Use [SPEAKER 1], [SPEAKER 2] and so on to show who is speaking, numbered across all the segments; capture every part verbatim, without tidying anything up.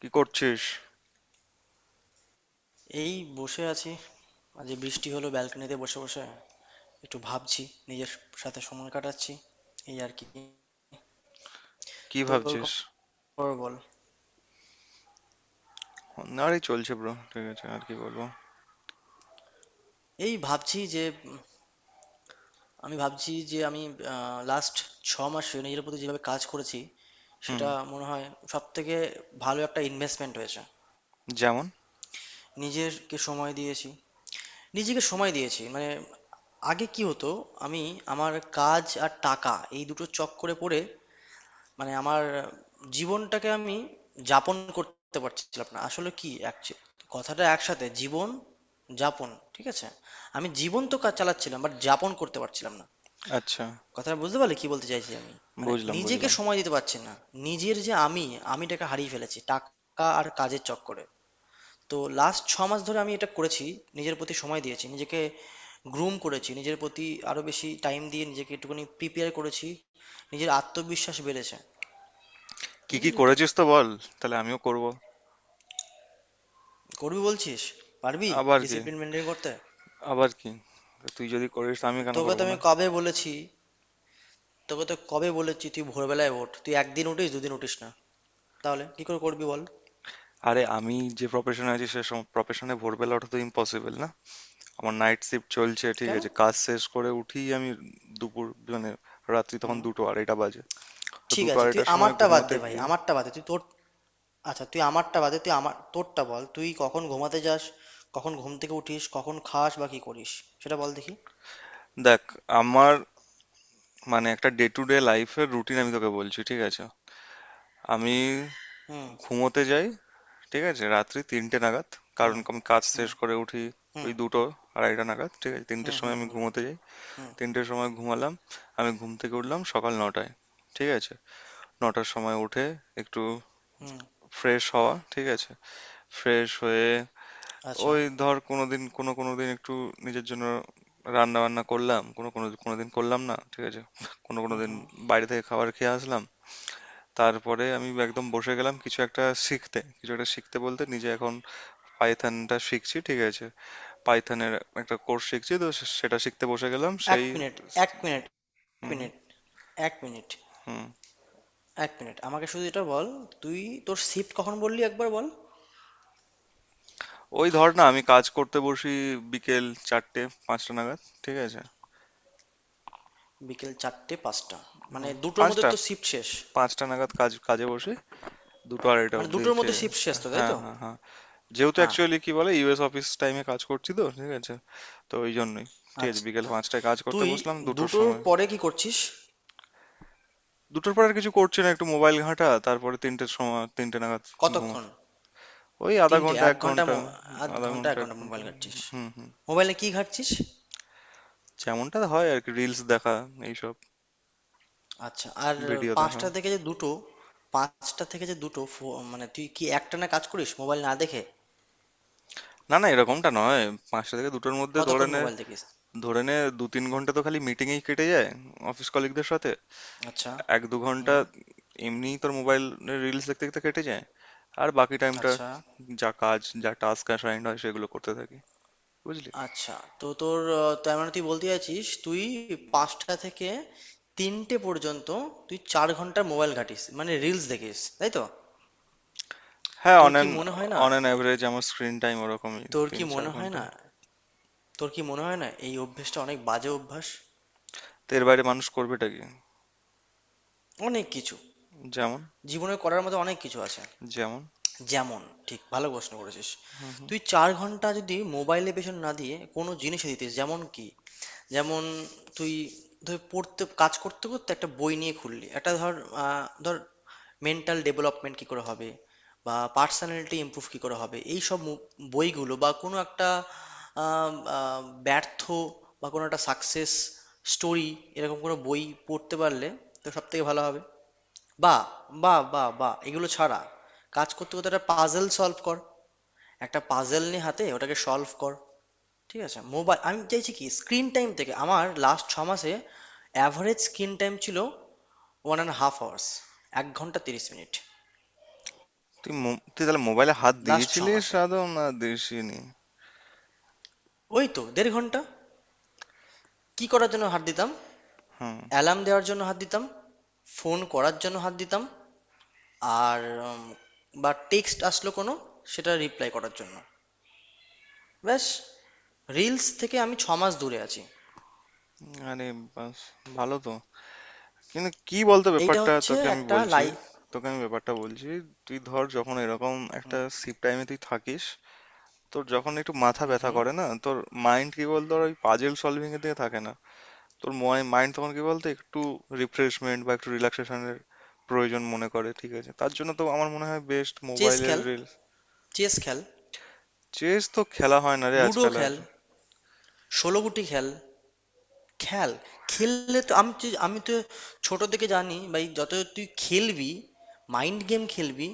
[SPEAKER 1] কি করছিস?
[SPEAKER 2] এই, বসে আছি। আজ এই বৃষ্টি হলো, ব্যালকনিতে বসে বসে একটু ভাবছি, নিজের সাথে সময় কাটাচ্ছি, এই আর কি।
[SPEAKER 1] কি
[SPEAKER 2] তোর
[SPEAKER 1] ভাবছিস?
[SPEAKER 2] খবর বল।
[SPEAKER 1] আরে চলছে ব্রো, ঠিক আছে, আর কি বলবো।
[SPEAKER 2] এই ভাবছি যে উম, আমি ভাবছি যে আমি লাস্ট ছ মাসে নিজের প্রতি যেভাবে কাজ করেছি,
[SPEAKER 1] হুম।
[SPEAKER 2] সেটা মনে হয় সব থেকে ভালো একটা ইনভেস্টমেন্ট হয়েছে।
[SPEAKER 1] যেমন?
[SPEAKER 2] নিজেরকে সময় দিয়েছি, নিজেকে সময় দিয়েছি মানে, আগে কি হতো, আমি আমার কাজ আর টাকা এই দুটো চক্করে পড়ে মানে আমার জীবনটাকে আমি যাপন করতে পারছিলাম না। আসলে কি actu- কথাটা একসাথে জীবন যাপন, ঠিক আছে। আমি জীবন তো কাজ চালাচ্ছিলাম বাট যাপন করতে পারছিলাম না।
[SPEAKER 1] আচ্ছা।
[SPEAKER 2] কথাটা বুঝতে পারলে কি বলতে চাইছি আমি, মানে
[SPEAKER 1] বুঝলাম,
[SPEAKER 2] নিজেকে
[SPEAKER 1] বুঝলাম।
[SPEAKER 2] সময় দিতে পারছি না। নিজের যে আমি, আমিটাকে হারিয়ে ফেলেছি টাকা আর কাজের চক্করে। তো লাস্ট ছ মাস ধরে আমি এটা করেছি, নিজের প্রতি সময় দিয়েছি, নিজেকে গ্রুম করেছি, নিজের প্রতি আরো বেশি টাইম দিয়ে নিজেকে একটুখানি প্রিপেয়ার করেছি। নিজের আত্মবিশ্বাস বেড়েছে।
[SPEAKER 1] কি কি
[SPEAKER 2] বুঝলি তো।
[SPEAKER 1] করেছিস তো বল। তাহলে আমিও করব।
[SPEAKER 2] করবি বলছিস? পারবি?
[SPEAKER 1] আবার কি?
[SPEAKER 2] ডিসিপ্লিন মেনটেন করতে?
[SPEAKER 1] আবার কি? তুই যদি করিস তো আমি কেন
[SPEAKER 2] তোকে
[SPEAKER 1] করব
[SPEAKER 2] তো
[SPEAKER 1] না?
[SPEAKER 2] আমি কবে বলেছি, তোকে তো কবে বলেছি, তুই ভোরবেলায় ওঠ। তুই একদিন উঠিস দুদিন উঠিস না, তাহলে কি করে করবি বল।
[SPEAKER 1] আরে, আমি যে প্রফেশনে আছি সে প্রফেশনে ভোরবেলা ওঠা তো ইম্পসিবল না। আমার নাইট শিফট চলছে, ঠিক
[SPEAKER 2] কেন?
[SPEAKER 1] আছে, কাজ শেষ করে উঠি আমি দুপুর মানে রাত্রি তখন
[SPEAKER 2] হুম।
[SPEAKER 1] দুটো আড়াইটা বাজে। তো
[SPEAKER 2] ঠিক
[SPEAKER 1] দুটো
[SPEAKER 2] আছে তুই
[SPEAKER 1] আড়াইটার সময়
[SPEAKER 2] আমারটা বাদ
[SPEAKER 1] ঘুমোতে
[SPEAKER 2] দে ভাই,
[SPEAKER 1] গিয়ে,
[SPEAKER 2] আমারটা বাদ দে তুই তোর। আচ্ছা তুই আমারটা বাদে, তুই আমার, তোরটা বল। তুই কখন ঘুমাতে যাস, কখন ঘুম থেকে উঠিস, কখন খাস বা কি করিস, সেটা বল দেখি।
[SPEAKER 1] দেখ আমার মানে একটা ডে টু ডে লাইফের রুটিন আমি তোকে বলছি, ঠিক আছে। আমি
[SPEAKER 2] হুম,
[SPEAKER 1] ঘুমোতে যাই, ঠিক আছে, রাত্রি তিনটে নাগাদ। কারণ
[SPEAKER 2] হুম,
[SPEAKER 1] আমি কাজ
[SPEAKER 2] হুম।
[SPEAKER 1] শেষ করে উঠি
[SPEAKER 2] হুম,
[SPEAKER 1] ওই দুটো আড়াইটা নাগাদ, ঠিক আছে,
[SPEAKER 2] হুম,
[SPEAKER 1] তিনটের সময়
[SPEAKER 2] হুম।
[SPEAKER 1] আমি
[SPEAKER 2] হুম,
[SPEAKER 1] ঘুমোতে যাই।
[SPEAKER 2] হুম,
[SPEAKER 1] তিনটের সময় ঘুমালাম, আমি ঘুম থেকে উঠলাম সকাল নটায়, ঠিক আছে। নটার সময় উঠে একটু
[SPEAKER 2] হুম।
[SPEAKER 1] ফ্রেশ হওয়া, ঠিক আছে। ফ্রেশ হয়ে
[SPEAKER 2] আচ্ছা।
[SPEAKER 1] ওই ধর কোনো দিন, কোনো কোনো দিন একটু নিজের জন্য রান্না বান্না করলাম, কোনো কোনো কোনো দিন করলাম না, ঠিক আছে। কোনো কোনো
[SPEAKER 2] হুম,
[SPEAKER 1] দিন
[SPEAKER 2] হুম।
[SPEAKER 1] বাইরে থেকে খাবার খেয়ে আসলাম। তারপরে আমি একদম বসে গেলাম কিছু একটা শিখতে, কিছু একটা শিখতে বলতে নিজে এখন পাইথনটা শিখছি, ঠিক আছে। পাইথনের একটা কোর্স শিখছি, তো সে- সেটা শিখতে বসে গেলাম
[SPEAKER 2] এক
[SPEAKER 1] সেই।
[SPEAKER 2] মিনিট। এক মিনিট। এক
[SPEAKER 1] হুম, হুম,
[SPEAKER 2] মিনিট। এক মিনিট।
[SPEAKER 1] হুম।
[SPEAKER 2] এক মিনিট আমাকে শুধু এটা বল, তুই তোর শিফট কখন বললি একবার বল।
[SPEAKER 1] ওই ধর না আমি কাজ করতে বসি বিকেল চারটে পাঁচটা নাগাদ, ঠিক আছে।
[SPEAKER 2] বিকেল চারটে পাঁচটা। মানে
[SPEAKER 1] হ্যাঁ,
[SPEAKER 2] দুটোর মধ্যে
[SPEAKER 1] পাঁচটা,
[SPEAKER 2] তো শিফট শেষ।
[SPEAKER 1] পাঁচটা নাগাদ কাজ কাজে বসি, দুটো আড়াইটা
[SPEAKER 2] মানে
[SPEAKER 1] অবধি,
[SPEAKER 2] দুটোর
[SPEAKER 1] ঠিক
[SPEAKER 2] মধ্যে
[SPEAKER 1] আছে।
[SPEAKER 2] শিফট শেষ তো তাই
[SPEAKER 1] হ্যাঁ,
[SPEAKER 2] তো।
[SPEAKER 1] হ্যাঁ, হ্যাঁ। যেহেতু
[SPEAKER 2] হ্যাঁ।
[SPEAKER 1] অ্যাকচুয়ালি কি বলে ইউএস অফিস টাইমে কাজ করছি তো, ঠিক আছে। তো ওই জন্যই, ঠিক আছে, বিকেল
[SPEAKER 2] আচ্ছা,
[SPEAKER 1] পাঁচটায় কাজ করতে
[SPEAKER 2] তুই
[SPEAKER 1] বসলাম দুটোর
[SPEAKER 2] দুটোর
[SPEAKER 1] সময়।
[SPEAKER 2] পরে কি করছিস?
[SPEAKER 1] দুটোর পর আর কিছু করছি না, একটু মোবাইল ঘাঁটা, তারপরে তিনটের সময়, তিনটে নাগাদ
[SPEAKER 2] কতক্ষণ?
[SPEAKER 1] ঘুমোতে। ওই আধা
[SPEAKER 2] তিনটে
[SPEAKER 1] ঘন্টা
[SPEAKER 2] এক
[SPEAKER 1] এক
[SPEAKER 2] ঘন্টা
[SPEAKER 1] ঘন্টা।
[SPEAKER 2] মো- আধ
[SPEAKER 1] আধা
[SPEAKER 2] ঘন্টা
[SPEAKER 1] ঘন্টা
[SPEAKER 2] এক
[SPEAKER 1] এক
[SPEAKER 2] ঘন্টা
[SPEAKER 1] ঘন্টা।
[SPEAKER 2] মোবাইল ঘাঁটছিস?
[SPEAKER 1] হুম, হুম।
[SPEAKER 2] মোবাইলে কি ঘাঁটছিস?
[SPEAKER 1] যেমনটা হয় আর কি, রিলস দেখা এইসব,
[SPEAKER 2] আচ্ছা আর,
[SPEAKER 1] ভিডিও দেখা।
[SPEAKER 2] পাঁচটা থেকে যে দুটো, পাঁচটা থেকে যে দুটো ফো- মানে তুই কি একটানা কাজ করিস মোবাইল না দেখে?
[SPEAKER 1] না, না, এরকমটা নয়। পাঁচটা থেকে দুটোর মধ্যে ধরে
[SPEAKER 2] কতক্ষণ
[SPEAKER 1] নে।
[SPEAKER 2] মোবাইল দেখিস?
[SPEAKER 1] ধরে নে দু তিন ঘন্টা তো খালি মিটিংয়েই কেটে যায় অফিস কলিগদের সাথে।
[SPEAKER 2] আচ্ছা।
[SPEAKER 1] এক দু ঘন্টা
[SPEAKER 2] হুম।
[SPEAKER 1] এমনিই তোর মোবাইল রিলস দেখতে দেখতে কেটে যায়। আর বাকি টাইমটা
[SPEAKER 2] আচ্ছা।
[SPEAKER 1] যা কাজ যা টাস্ক অ্যাসাইন্ড হয় সেগুলো করতে থাকি, বুঝলি।
[SPEAKER 2] আচ্ছা তো তোর আহ, তার মানে তুই বলতে চাইছিস, তুই পাঁচটা থেকে তিনটে পর্যন্ত তুই চার ঘন্টা মোবাইল ঘাঁটিস মানে রিলস দেখিস তাই তো?
[SPEAKER 1] হ্যাঁ,
[SPEAKER 2] তোর
[SPEAKER 1] অন
[SPEAKER 2] কি
[SPEAKER 1] অ্যান
[SPEAKER 2] মনে হয় না?
[SPEAKER 1] অন অ্যান অ্যাভারেজ আমার স্ক্রিন টাইম ওরকমই
[SPEAKER 2] তোর
[SPEAKER 1] তিন
[SPEAKER 2] কি
[SPEAKER 1] চার
[SPEAKER 2] মনে হয়
[SPEAKER 1] ঘন্টা।
[SPEAKER 2] না? তোর কি মনে হয় না এই অভ্যেসটা অনেক বাজে অভ্যাস?
[SPEAKER 1] তো এর বাইরে মানুষ করবেটা কি?
[SPEAKER 2] অনেক কিছু।
[SPEAKER 1] যেমন?
[SPEAKER 2] জীবনে করার মতো অনেক কিছু আছে।
[SPEAKER 1] যেমন?
[SPEAKER 2] যেমন, ঠিক ভালো প্রশ্ন করেছিস।
[SPEAKER 1] হুম, হুম।
[SPEAKER 2] তুই চার ঘন্টা যদি মোবাইলে পেছন না দিয়ে কোনো জিনিসে দিতিস, যেমন কি, যেমন তুই ধর, পড়তে কাজ করতে করতে একটা বই নিয়ে খুললি, একটা ধর, আহ, ধর মেন্টাল ডেভেলপমেন্ট কি করে হবে, বা পার্সোনালিটি ইমপ্রুভ কি করে হবে, এই সব মু- বইগুলো, বা কোনো একটা আম, আহ, ব্যর্থ বা কোনো একটা সাকসেস স্টোরি, এরকম কোনো বই পড়তে পারলে তো সব থেকে ভালো হবে। বা বা বা বা এগুলো ছাড়া কাজ করতে করতে একটা পাজেল সলভ কর, একটা পাজেল নিয়ে হাতে ওটাকে সলভ কর। ঠিক আছে? মোবাইল আমি চাইছি কি, স্ক্রিন টাইম থেকে, আমার লাস্ট ছ মাসে অ্যাভারেজ স্ক্রিন টাইম ছিল ওয়ান অ্যান্ড হাফ আওয়ার্স, এক ঘন্টা তিরিশ মিনিট।
[SPEAKER 1] তুই মো- তুই তাহলে মোবাইলে হাত
[SPEAKER 2] লাস্ট ছ
[SPEAKER 1] দিয়েছিলিস
[SPEAKER 2] মাসে
[SPEAKER 1] আদৌ না দিসনি?
[SPEAKER 2] ওই তো দেড় ঘন্টা। কি করার জন্য হাত দিতাম?
[SPEAKER 1] হুম।
[SPEAKER 2] অ্যালার্ম দেওয়ার জন্য হাত দিতাম, ফোন করার জন্য হাত দিতাম, আর উম, বা টেক্সট আসলো কোনো সেটা রিপ্লাই করার জন্য। ব্যাস। রিলস থেকে আমি ছ মাস দূরে আছি।
[SPEAKER 1] আরে বাস, ভালো তো। কিন্তু কি বলতো
[SPEAKER 2] এইটা
[SPEAKER 1] ব্যাপারটা,
[SPEAKER 2] হচ্ছে
[SPEAKER 1] তোকে আমি
[SPEAKER 2] একটা
[SPEAKER 1] বলছি
[SPEAKER 2] লাই।
[SPEAKER 1] তোকে আমি ব্যাপারটা বলছি। তুই ধর যখন এরকম একটা শিফট টাইমে তুই থাকিস, তোর যখন একটু মাথা
[SPEAKER 2] হুম,
[SPEAKER 1] ব্যথা
[SPEAKER 2] হুম।
[SPEAKER 1] করে না, তোর মাইন্ড কি বলতো ওর ওই পাজেল সলভিং এর দিকে থাকে না। তোর মাইন্ড তখন কি বলতো একটু রিফ্রেশমেন্ট বা একটু রিল্যাক্সেশনের প্রয়োজন মনে করে, ঠিক আছে। তার জন্য তো আমার মনে হয় বেস্ট
[SPEAKER 2] চেস
[SPEAKER 1] মোবাইলের
[SPEAKER 2] খেল,
[SPEAKER 1] রিলস।
[SPEAKER 2] চেস খেল,
[SPEAKER 1] চেস তো খেলা হয় না রে
[SPEAKER 2] লুডো
[SPEAKER 1] আজকাল আর।
[SPEAKER 2] খেল, ষোলো গুটি খেল, খেল। খেললে তো আমি তো আমি তো ছোট থেকে জানি ভাই, যত তুই খেলবি মাইন্ড গেম খেলবি,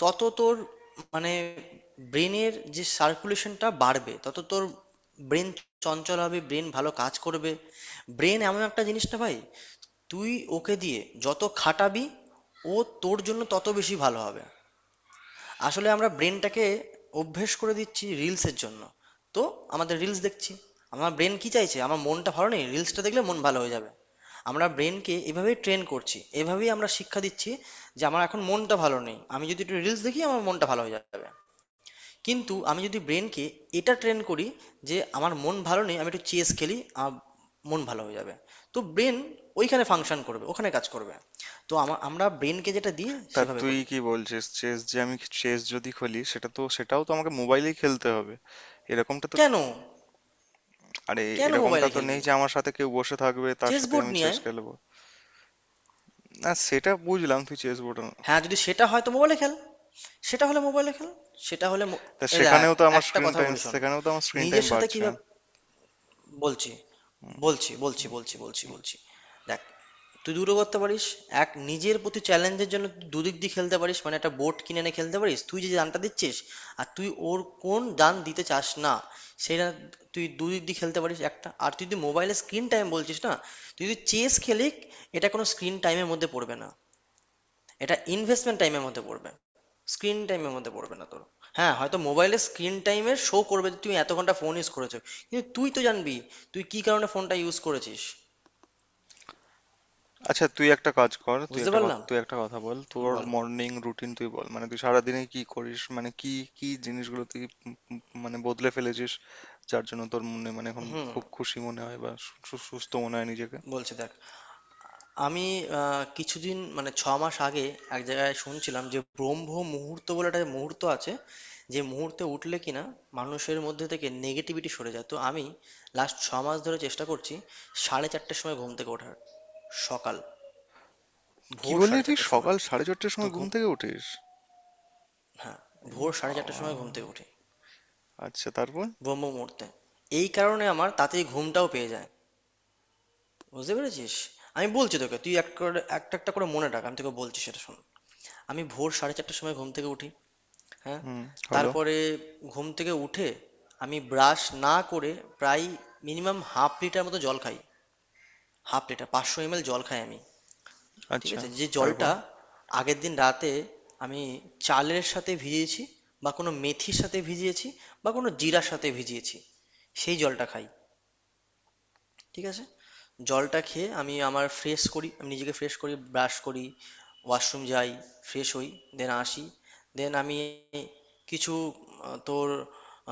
[SPEAKER 2] তত তোর মানে ব্রেনের যে সার্কুলেশনটা বাড়বে, তত তোর ব্রেন চঞ্চল হবে, ব্রেন ভালো কাজ করবে। ব্রেন এমন একটা জিনিস না ভাই, তুই ওকে দিয়ে যত খাটাবি, ও তোর জন্য তত বেশি ভালো হবে। আসলে আমরা ব্রেনটাকে অভ্যেস করে দিচ্ছি রিলসের জন্য। তো আমাদের রিলস দেখছি, আমার ব্রেন কি চাইছে, আমার মনটা ভালো নেই, রিলসটা দেখলে মন ভালো হয়ে যাবে। আমরা ব্রেনকে এভাবেই ট্রেন করছি, এভাবেই আমরা শিক্ষা দিচ্ছি যে আমার এখন মনটা ভালো নেই, আমি যদি একটু রিলস দেখি আমার মনটা ভালো হয়ে যাবে। কিন্তু আমি যদি ব্রেনকে এটা ট্রেন করি যে আমার মন ভালো নেই আমি একটু চেস খেলি আমার মন ভালো হয়ে যাবে, তো ব্রেন ওইখানে ফাংশন করবে, ওখানে কাজ করবে। তো আমা- আমরা ব্রেনকে যেটা দিয়ে
[SPEAKER 1] তা
[SPEAKER 2] সেভাবে
[SPEAKER 1] তুই
[SPEAKER 2] করি।
[SPEAKER 1] কি বলছিস, চেস যে আমি চেস যদি খেলি সেটা তো, সেটাও তো আমাকে মোবাইলেই খেলতে হবে, এরকমটা তো।
[SPEAKER 2] কেন?
[SPEAKER 1] আরে,
[SPEAKER 2] কেন
[SPEAKER 1] এরকমটা
[SPEAKER 2] মোবাইলে
[SPEAKER 1] তো নেই
[SPEAKER 2] খেলবি?
[SPEAKER 1] যে আমার সাথে কেউ বসে থাকবে তার
[SPEAKER 2] চেস
[SPEAKER 1] সাথে
[SPEAKER 2] বোর্ড
[SPEAKER 1] আমি
[SPEAKER 2] নিয়ে
[SPEAKER 1] চেস
[SPEAKER 2] আয়।
[SPEAKER 1] খেলবো। না, সেটা বুঝলাম, তুই চেস বোর্ড।
[SPEAKER 2] হ্যাঁ যদি সেটা হয় তো মোবাইলে খেল। সেটা হলে মোবাইলে খেল। সেটা হলে মো-
[SPEAKER 1] তা
[SPEAKER 2] এ দেখ,
[SPEAKER 1] সেখানেও তো আমার
[SPEAKER 2] একটা
[SPEAKER 1] স্ক্রিন
[SPEAKER 2] কথা
[SPEAKER 1] টাইম,
[SPEAKER 2] বলি শোন।
[SPEAKER 1] সেখানেও তো আমার স্ক্রিন টাইম
[SPEAKER 2] নিজের সাথে
[SPEAKER 1] বাড়ছে।
[SPEAKER 2] কিভাবে, বলছি, বলছি বলছি বলছি বলছি বলছি দেখ তুই দুটো করতে পারিস। এক, নিজের প্রতি চ্যালেঞ্জের জন্য তুই দুদিক দিয়ে খেলতে পারিস, মানে একটা বোর্ড কিনে এনে খেলতে পারিস তুই যে দানটা দিচ্ছিস আর তুই ওর কোন দান দিতে চাস না সেটা, তুই দুদিক দিয়ে খেলতে পারিস একটা। আর তুই যদি মোবাইলে স্ক্রিন টাইম বলছিস না, তুই যদি চেস খেলিস এটা কোনো স্ক্রিন টাইমের মধ্যে পড়বে না, এটা ইনভেস্টমেন্ট টাইমের মধ্যে পড়বে, স্ক্রিন টাইমের মধ্যে পড়বে না তোর। হ্যাঁ হয়তো মোবাইলে স্ক্রিন টাইমে শো করবে যে তুমি এত ঘন্টা ফোন ইউজ করেছো, কিন্তু তুই তো জানবি তুই কি কারণে ফোনটা ইউজ করেছিস।
[SPEAKER 1] আচ্ছা, তুই একটা কাজ কর, তুই
[SPEAKER 2] বুঝতে
[SPEAKER 1] একটা
[SPEAKER 2] পারলাম,
[SPEAKER 1] কথ- তুই একটা কথা বল। তোর
[SPEAKER 2] বল।
[SPEAKER 1] মর্নিং রুটিন তুই বল, মানে তুই সারাদিনে কি করিস, মানে কি কি জিনিসগুলো তুই উম উম মানে বদলে ফেলেছিস, যার জন্য তোর মনে মানে এখন
[SPEAKER 2] হুম।
[SPEAKER 1] খুব খুশি মনে হয় বা সু- সু- সুস্থ মনে হয় নিজেকে।
[SPEAKER 2] বলছি দেখ, আমি আহ, কিছুদিন মানে ছ মাস আগে এক জায়গায় শুনছিলাম যে ব্রহ্ম মুহূর্ত বলে একটা মুহূর্ত আছে যে মুহূর্তে উঠলে কিনা মানুষের মধ্যে থেকে নেগেটিভিটি সরে যায়। তো আমি লাস্ট ছ মাস ধরে চেষ্টা করছি সাড়ে চারটের সময় ঘুম থেকে ওঠার, সকাল,
[SPEAKER 1] কি
[SPEAKER 2] ভোর
[SPEAKER 1] বললি
[SPEAKER 2] সাড়ে
[SPEAKER 1] তুই?
[SPEAKER 2] চারটের সময়।
[SPEAKER 1] সকাল সাড়ে চারটের
[SPEAKER 2] তো
[SPEAKER 1] সময় ঘুম
[SPEAKER 2] ঘুম,
[SPEAKER 1] থেকে উঠিস?
[SPEAKER 2] হ্যাঁ
[SPEAKER 1] এই
[SPEAKER 2] ভোর সাড়ে চারটার
[SPEAKER 1] বাবা।
[SPEAKER 2] সময় ঘুম থেকে উঠি।
[SPEAKER 1] আচ্ছা, তারপর?
[SPEAKER 2] ব্রহ্ম মুহূর্তে। এই কারণে আমার তাড়াতাড়ি ঘুমটাও পেয়ে যায়। বুঝতে পেরেছিস? আমি বলছি তোকে, তুই এক করে- একটা একটা করে মনে রাখ, আমি তোকে বলছি সেটা শোন। আমি ভোর সাড়ে চারটার সময় ঘুম থেকে উঠি। হ্যাঁ।
[SPEAKER 1] হুম। হলো।
[SPEAKER 2] তারপরে ঘুম থেকে উঠে আমি ব্রাশ না করে প্রায় মিনিমাম হাফ লিটার মতো জল খাই, হাফ লিটার পাঁচশো এমএল জল খাই আমি। ঠিক
[SPEAKER 1] আচ্ছা,
[SPEAKER 2] আছে, যে
[SPEAKER 1] তারপর।
[SPEAKER 2] জলটা আগের দিন রাতে আমি চালের সাথে ভিজিয়েছি, বা কোনো মেথির সাথে ভিজিয়েছি, বা কোনো জিরার সাথে ভিজিয়েছি, সেই জলটা খাই। ঠিক আছে। জলটা খেয়ে আমি আমার ফ্রেশ করি, আমি নিজেকে ফ্রেশ করি, ব্রাশ করি, ওয়াশরুম যাই, ফ্রেশ হই, দেন আসি। দেন আমি কিছু আহ, তোর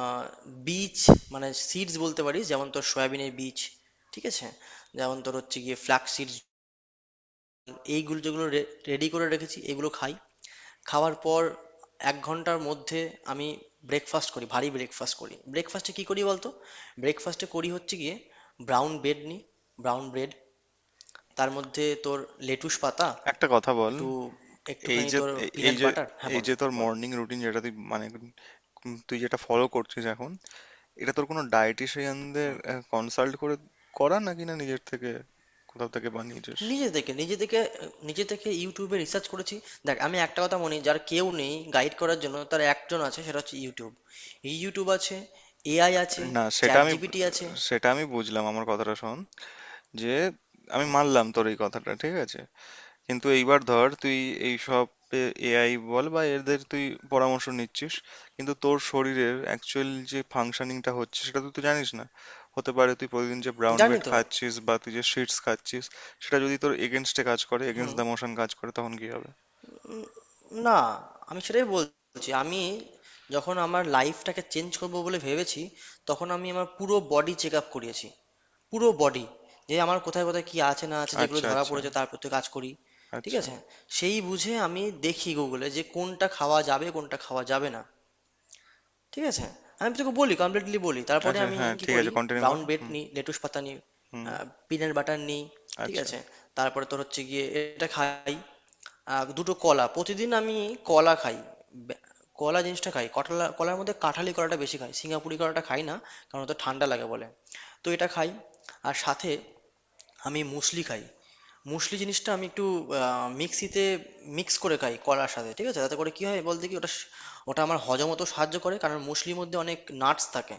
[SPEAKER 2] আহ, বীজ মানে সিডস বলতে পারিস, যেমন তোর সয়াবিনের বীজ, ঠিক আছে, যেমন তোর হচ্ছে গিয়ে ফ্লাক্স সিডস, এইগুলো যেগুলো রেডি করে রেখেছি এগুলো খাই। খাওয়ার পর এক ঘন্টার মধ্যে আমি ব্রেকফাস্ট করি, ভারী ব্রেকফাস্ট করি। ব্রেকফাস্টে কি করি বলতো? ব্রেকফাস্টে করি হচ্ছে গিয়ে ব্রাউন ব্রেড নিই, ব্রাউন ব্রেড, তার মধ্যে তোর লেটুস পাতা,
[SPEAKER 1] একটা কথা বল,
[SPEAKER 2] একটু
[SPEAKER 1] এই
[SPEAKER 2] একটুখানি
[SPEAKER 1] যে
[SPEAKER 2] তোর
[SPEAKER 1] এ- এই
[SPEAKER 2] পিনাট
[SPEAKER 1] যে
[SPEAKER 2] বাটার। হ্যাঁ
[SPEAKER 1] এই
[SPEAKER 2] বল।
[SPEAKER 1] যে তোর
[SPEAKER 2] বল।
[SPEAKER 1] মর্নিং রুটিন যেটা তুই মানে উম তুই যেটা ফলো করছিস এখন, এটা তোর কোনো ডায়েটিশিয়ানদের কনসাল্ট করে করা নাকি না নিজের থেকে কোথাও থেকে বানিয়েছিস?
[SPEAKER 2] নিজে থেকে, নিজে থেকে, নিজে থেকে ইউটিউবে রিসার্চ করেছি। দেখ আমি একটা কথা মনে, যার কেউ নেই গাইড করার জন্য তার একজন আছে সেটা হচ্ছে ইউটিউব। ইউটিউব আছে, এআই আছে,
[SPEAKER 1] না, সেটা
[SPEAKER 2] চ্যাট
[SPEAKER 1] আমি
[SPEAKER 2] জিপিটি আছে।
[SPEAKER 1] সেটা আমি বুঝলাম, আমার কথাটা শোন। যে আমি মানলাম তোর এই কথাটা, ঠিক আছে। কিন্তু এইবার ধর তুই এই সব এআই বল বা এদের, তুই পরামর্শ নিচ্ছিস। কিন্তু তোর শরীরের অ্যাকচুয়াল যে ফাংশনিংটা হচ্ছে সেটা তো তুই জানিস না। হতে পারে তুই প্রতিদিন যে ব্রাউন
[SPEAKER 2] জানি
[SPEAKER 1] ব্রেড
[SPEAKER 2] তো।
[SPEAKER 1] খাচ্ছিস বা তুই যে শিটস খাচ্ছিস সেটা যদি তোর এগেনস্টে কাজ করে, এগেনস্ট
[SPEAKER 2] হুম।
[SPEAKER 1] দ্য মোশন কাজ করে, তখন কি হবে?
[SPEAKER 2] না আমি সেটাই বলছি, আমি যখন আমার লাইফটাকে চেঞ্জ করব বলে ভেবেছি তখন আমি আমার পুরো বডি চেক আপ করিয়েছি। পুরো বডি, যে আমার কোথায় কোথায় কি আছে না আছে, যেগুলো
[SPEAKER 1] আচ্ছা,
[SPEAKER 2] ধরা
[SPEAKER 1] আচ্ছা।
[SPEAKER 2] পড়েছে তার প্রতি কাজ করি। ঠিক
[SPEAKER 1] আচ্ছা।
[SPEAKER 2] আছে? সেই বুঝে আমি দেখি গুগলে যে কোনটা খাওয়া যাবে কোনটা খাওয়া যাবে না। ঠিক আছে। আমি তোকে বলি কমপ্লিটলি বলি তারপরে
[SPEAKER 1] আচ্ছা
[SPEAKER 2] আমি
[SPEAKER 1] হ্যাঁ,
[SPEAKER 2] কি
[SPEAKER 1] ঠিক
[SPEAKER 2] করি।
[SPEAKER 1] আছে, কন্টিনিউ কর।
[SPEAKER 2] Brown bread
[SPEAKER 1] hmm.
[SPEAKER 2] নিই, লেটুস পাতা নিই,
[SPEAKER 1] হুম।
[SPEAKER 2] পিনাট বাটার নিই। ঠিক
[SPEAKER 1] আচ্ছা।
[SPEAKER 2] আছে। তারপরে তোর হচ্ছে গিয়ে, এটা খাই, আহ দুটো কলা প্রতিদিন আমি কলা খাই। বে- কলা জিনিসটা খাই, কটলা কলার মধ্যে কাঁঠালি কলাটা বেশি খাই, সিঙ্গাপুরি কলাটা খাই না কারণ ওটা ঠান্ডা লাগে বলে। তো এটা খাই, আর সাথে আমি মুসলি খাই। মুসলি জিনিসটা আমি একটু আহ, মিক্সিতে মিক্স করে খাই কলার সাথে। ঠিক আছে, তাতে করে কি হয় বলতে কি, ওটা স- ওটা আমার হজম হতে সাহায্য করে কারণ মুসলির মধ্যে অনেক নাটস থাকে,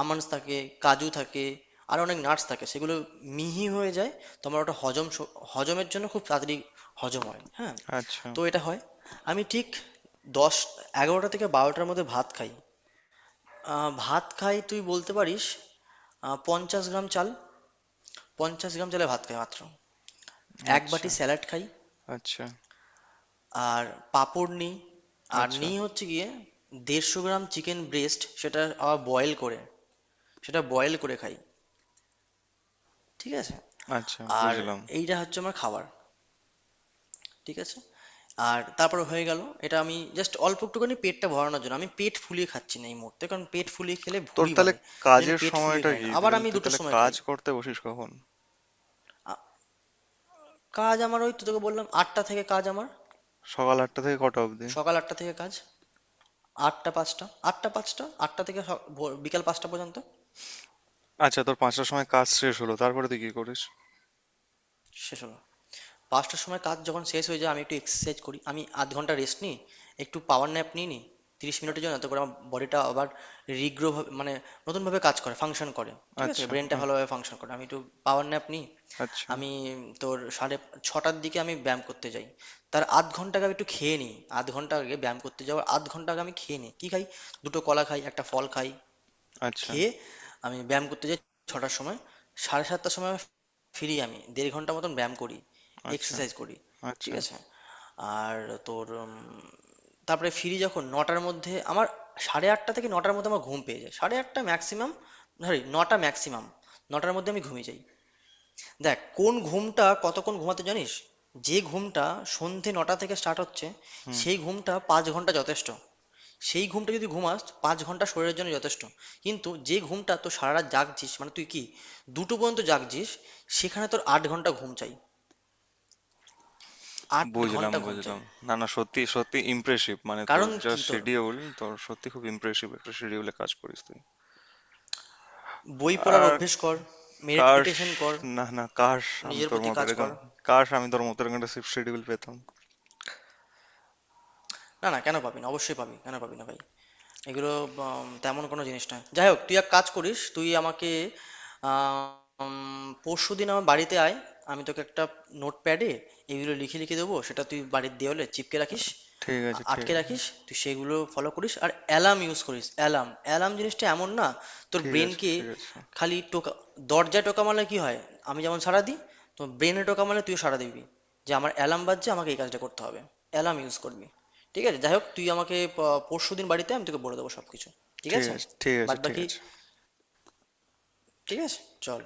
[SPEAKER 2] আমন্ডস থাকে, কাজু থাকে, আর অনেক নাটস থাকে, সেগুলো মিহি হয়ে যায় তোমার, ওটা হজম স- হজমের জন্য খুব তাড়াতাড়ি হজম হয়, হ্যাঁ।
[SPEAKER 1] আচ্ছা।
[SPEAKER 2] তো এটা হয়। আমি ঠিক দশ এগারোটা থেকে বারোটার মধ্যে ভাত খাই, আহ, ভাত খাই তুই বলতে পারিস, আহ, পঞ্চাশ গ্রাম চাল, পঞ্চাশ গ্রাম চালে ভাত খাই মাত্র, এক
[SPEAKER 1] আচ্ছা।
[SPEAKER 2] বাটি স্যালাড খাই,
[SPEAKER 1] আচ্ছা।
[SPEAKER 2] আর পাঁপড় নিই, আর
[SPEAKER 1] আচ্ছা।
[SPEAKER 2] নিই হচ্ছে গিয়ে দেড়শো গ্রাম চিকেন ব্রেস্ট, সেটা আবার বয়েল করে, সেটা বয়েল করে খাই। ঠিক আছে।
[SPEAKER 1] আচ্ছা
[SPEAKER 2] আর
[SPEAKER 1] বুঝলাম।
[SPEAKER 2] এইটা হচ্ছে আমার খাবার। ঠিক আছে। আর তারপর হয়ে গেল, এটা আমি জাস্ট অল্প একটুখানি পেটটা ভরানোর জন্য, আমি পেট ফুলিয়ে খাচ্ছি না এই মুহূর্তে কারণ পেট ফুলিয়ে খেলে
[SPEAKER 1] তোর
[SPEAKER 2] ভুঁড়ি
[SPEAKER 1] তাহলে
[SPEAKER 2] বাড়ে। তো জন্য
[SPEAKER 1] কাজের
[SPEAKER 2] পেট ফুলিয়ে
[SPEAKER 1] সময়টা
[SPEAKER 2] খাই না
[SPEAKER 1] কি? তুই
[SPEAKER 2] আবার
[SPEAKER 1] তাহলে
[SPEAKER 2] আমি
[SPEAKER 1] তুই
[SPEAKER 2] দুটোর
[SPEAKER 1] তাহলে
[SPEAKER 2] সময়
[SPEAKER 1] কাজ
[SPEAKER 2] খাই।
[SPEAKER 1] করতে বসিস কখন?
[SPEAKER 2] আ- কাজ আমার ওই তো তোকে বললাম আটটা থেকে, কাজ আমার
[SPEAKER 1] সকাল আটটা থেকে কটা অবধি?
[SPEAKER 2] সকাল আটটা থেকে কাজ, আটটা পাঁচটা, আটটা পাঁচটা, আটটা থেকে স- ভোর- বিকাল পাঁচটা পর্যন্ত।
[SPEAKER 1] আচ্ছা, তোর পাঁচটার সময় কাজ শেষ হলো, তারপরে তুই কি করিস?
[SPEAKER 2] শেষ হলো। পাঁচটার সময় কাজ যখন শেষ হয়ে যায় আমি একটু এক্সারসাইজ করি, আমি আধ ঘন্টা রেস্ট নিই, একটু পাওয়ার ন্যাপ নিয়ে নিই তিরিশ মিনিটের জন্য, তারপরে আমার বডিটা আবার রিগ্রো মানে নতুনভাবে কাজ করে, ফাংশন করে। ঠিক আছে
[SPEAKER 1] আচ্ছা।
[SPEAKER 2] ব্রেনটা
[SPEAKER 1] আহ।
[SPEAKER 2] ভালোভাবে ফাংশন করে, আমি একটু পাওয়ার ন্যাপ নিই।
[SPEAKER 1] আচ্ছা,
[SPEAKER 2] আমি তোর সাড়ে ছটার দিকে আমি ব্যায়াম করতে যাই, তার আধ ঘন্টা আগে আমি একটু খেয়ে নিই, আধ ঘন্টা আগে, ব্যায়াম করতে যাওয়ার আধ ঘন্টা আগে আমি খেয়ে নিই কি খাই, দুটো কলা খাই, একটা ফল খাই,
[SPEAKER 1] আচ্ছা,
[SPEAKER 2] খেয়ে আমি ব্যায়াম করতে যাই ছটার সময়। সাড়ে সাতটার সময় আমি ফিরি, আমি দেড় ঘন্টা মতন ব্যায়াম করি,
[SPEAKER 1] আচ্ছা,
[SPEAKER 2] এক্সারসাইজ করি।
[SPEAKER 1] আচ্ছা,
[SPEAKER 2] ঠিক আছে। আর তোর উম, তারপরে ফিরি যখন নটার মধ্যে আমার, সাড়ে আটটা থেকে নটার মধ্যে আমার ঘুম পেয়ে যায়, সাড়ে আটটা ম্যাক্সিমাম, সরি নটা ম্যাক্সিমাম, নটার মধ্যে আমি ঘুমিয়ে যাই। দেখ কোন ঘুমটা কতক্ষণ ঘুমাতে জানিস, যে ঘুমটা সন্ধে নটা থেকে স্টার্ট হচ্ছে,
[SPEAKER 1] হুম
[SPEAKER 2] সেই ঘুমটা পাঁচ ঘন্টা যথেষ্ট, সেই ঘুমটা যদি ঘুমাস পাঁচ ঘন্টা শরীরের জন্য যথেষ্ট। কিন্তু যে ঘুমটা তোর সারা রাত জাগছিস মানে তুই কি দুটো পর্যন্ত জাগছিস, সেখানে তোর আট ঘন্টা ঘুম চাই, আট
[SPEAKER 1] বুঝলাম,
[SPEAKER 2] ঘন্টা ঘুম চাই।
[SPEAKER 1] বুঝলাম। না, না, সত্যি সত্যি ইমপ্রেসিভ, মানে তোর
[SPEAKER 2] কারণ
[SPEAKER 1] যা
[SPEAKER 2] কি তোর,
[SPEAKER 1] শিডিউল, তোর সত্যি খুব ইমপ্রেসিভ একটা শিডিউলে কাজ করিস তুই।
[SPEAKER 2] বই পড়ার
[SPEAKER 1] আর
[SPEAKER 2] অভ্যেস কর,
[SPEAKER 1] কাশ।
[SPEAKER 2] মেডিটেশন কর,
[SPEAKER 1] না, না, কাশ, আমি
[SPEAKER 2] নিজের
[SPEAKER 1] তোর
[SPEAKER 2] প্রতি
[SPEAKER 1] মতো
[SPEAKER 2] কাজ কর।
[SPEAKER 1] এরকম। কাশ আমি তোর মতো এরকম একটা শিফট শিডিউল পেতাম।
[SPEAKER 2] না না কেন পাবি না, অবশ্যই পাবি, কেন পাবি না ভাই, এগুলো উম, তেমন কোনো জিনিস নয়। যাই হোক, তুই এক কাজ করিস, তুই আমাকে পরশু দিন আমার বাড়িতে আয়, আমি তোকে একটা নোটপ্যাডে এগুলো লিখে লিখে দেবো, সেটা তুই বাড়ির দেওয়ালে চিপকে রাখিস,
[SPEAKER 1] ঠিক আছে,
[SPEAKER 2] আ-
[SPEAKER 1] ঠিক
[SPEAKER 2] আটকে
[SPEAKER 1] আছে,
[SPEAKER 2] রাখিস, তুই সেগুলো ফলো করিস আর অ্যালার্ম ইউজ করিস। অ্যালার্ম, অ্যালার্ম জিনিসটা এমন না, তোর
[SPEAKER 1] ঠিক আছে,
[SPEAKER 2] ব্রেনকে
[SPEAKER 1] ঠিক আছে,
[SPEAKER 2] খালি টোকা, দরজায় টোকা মারলে কি হয়, আমি যেমন সাড়া দিই, তো ব্রেনে টোকা মারলে তুইও সাড়া দিবি যে আমার অ্যালার্ম বাজছে আমাকে এই কাজটা করতে হবে। অ্যালার্ম ইউজ করবি। ঠিক আছে যাই হোক, তুই আমাকে পরশু দিন বাড়িতে আয়, আমি তোকে বলে দেবো সব কিছু। ঠিক
[SPEAKER 1] ঠিক
[SPEAKER 2] আছে।
[SPEAKER 1] আছে, ঠিক আছে,
[SPEAKER 2] বাদ
[SPEAKER 1] ঠিক
[SPEAKER 2] বাকি
[SPEAKER 1] আছে।
[SPEAKER 2] ঠিক আছে। চল।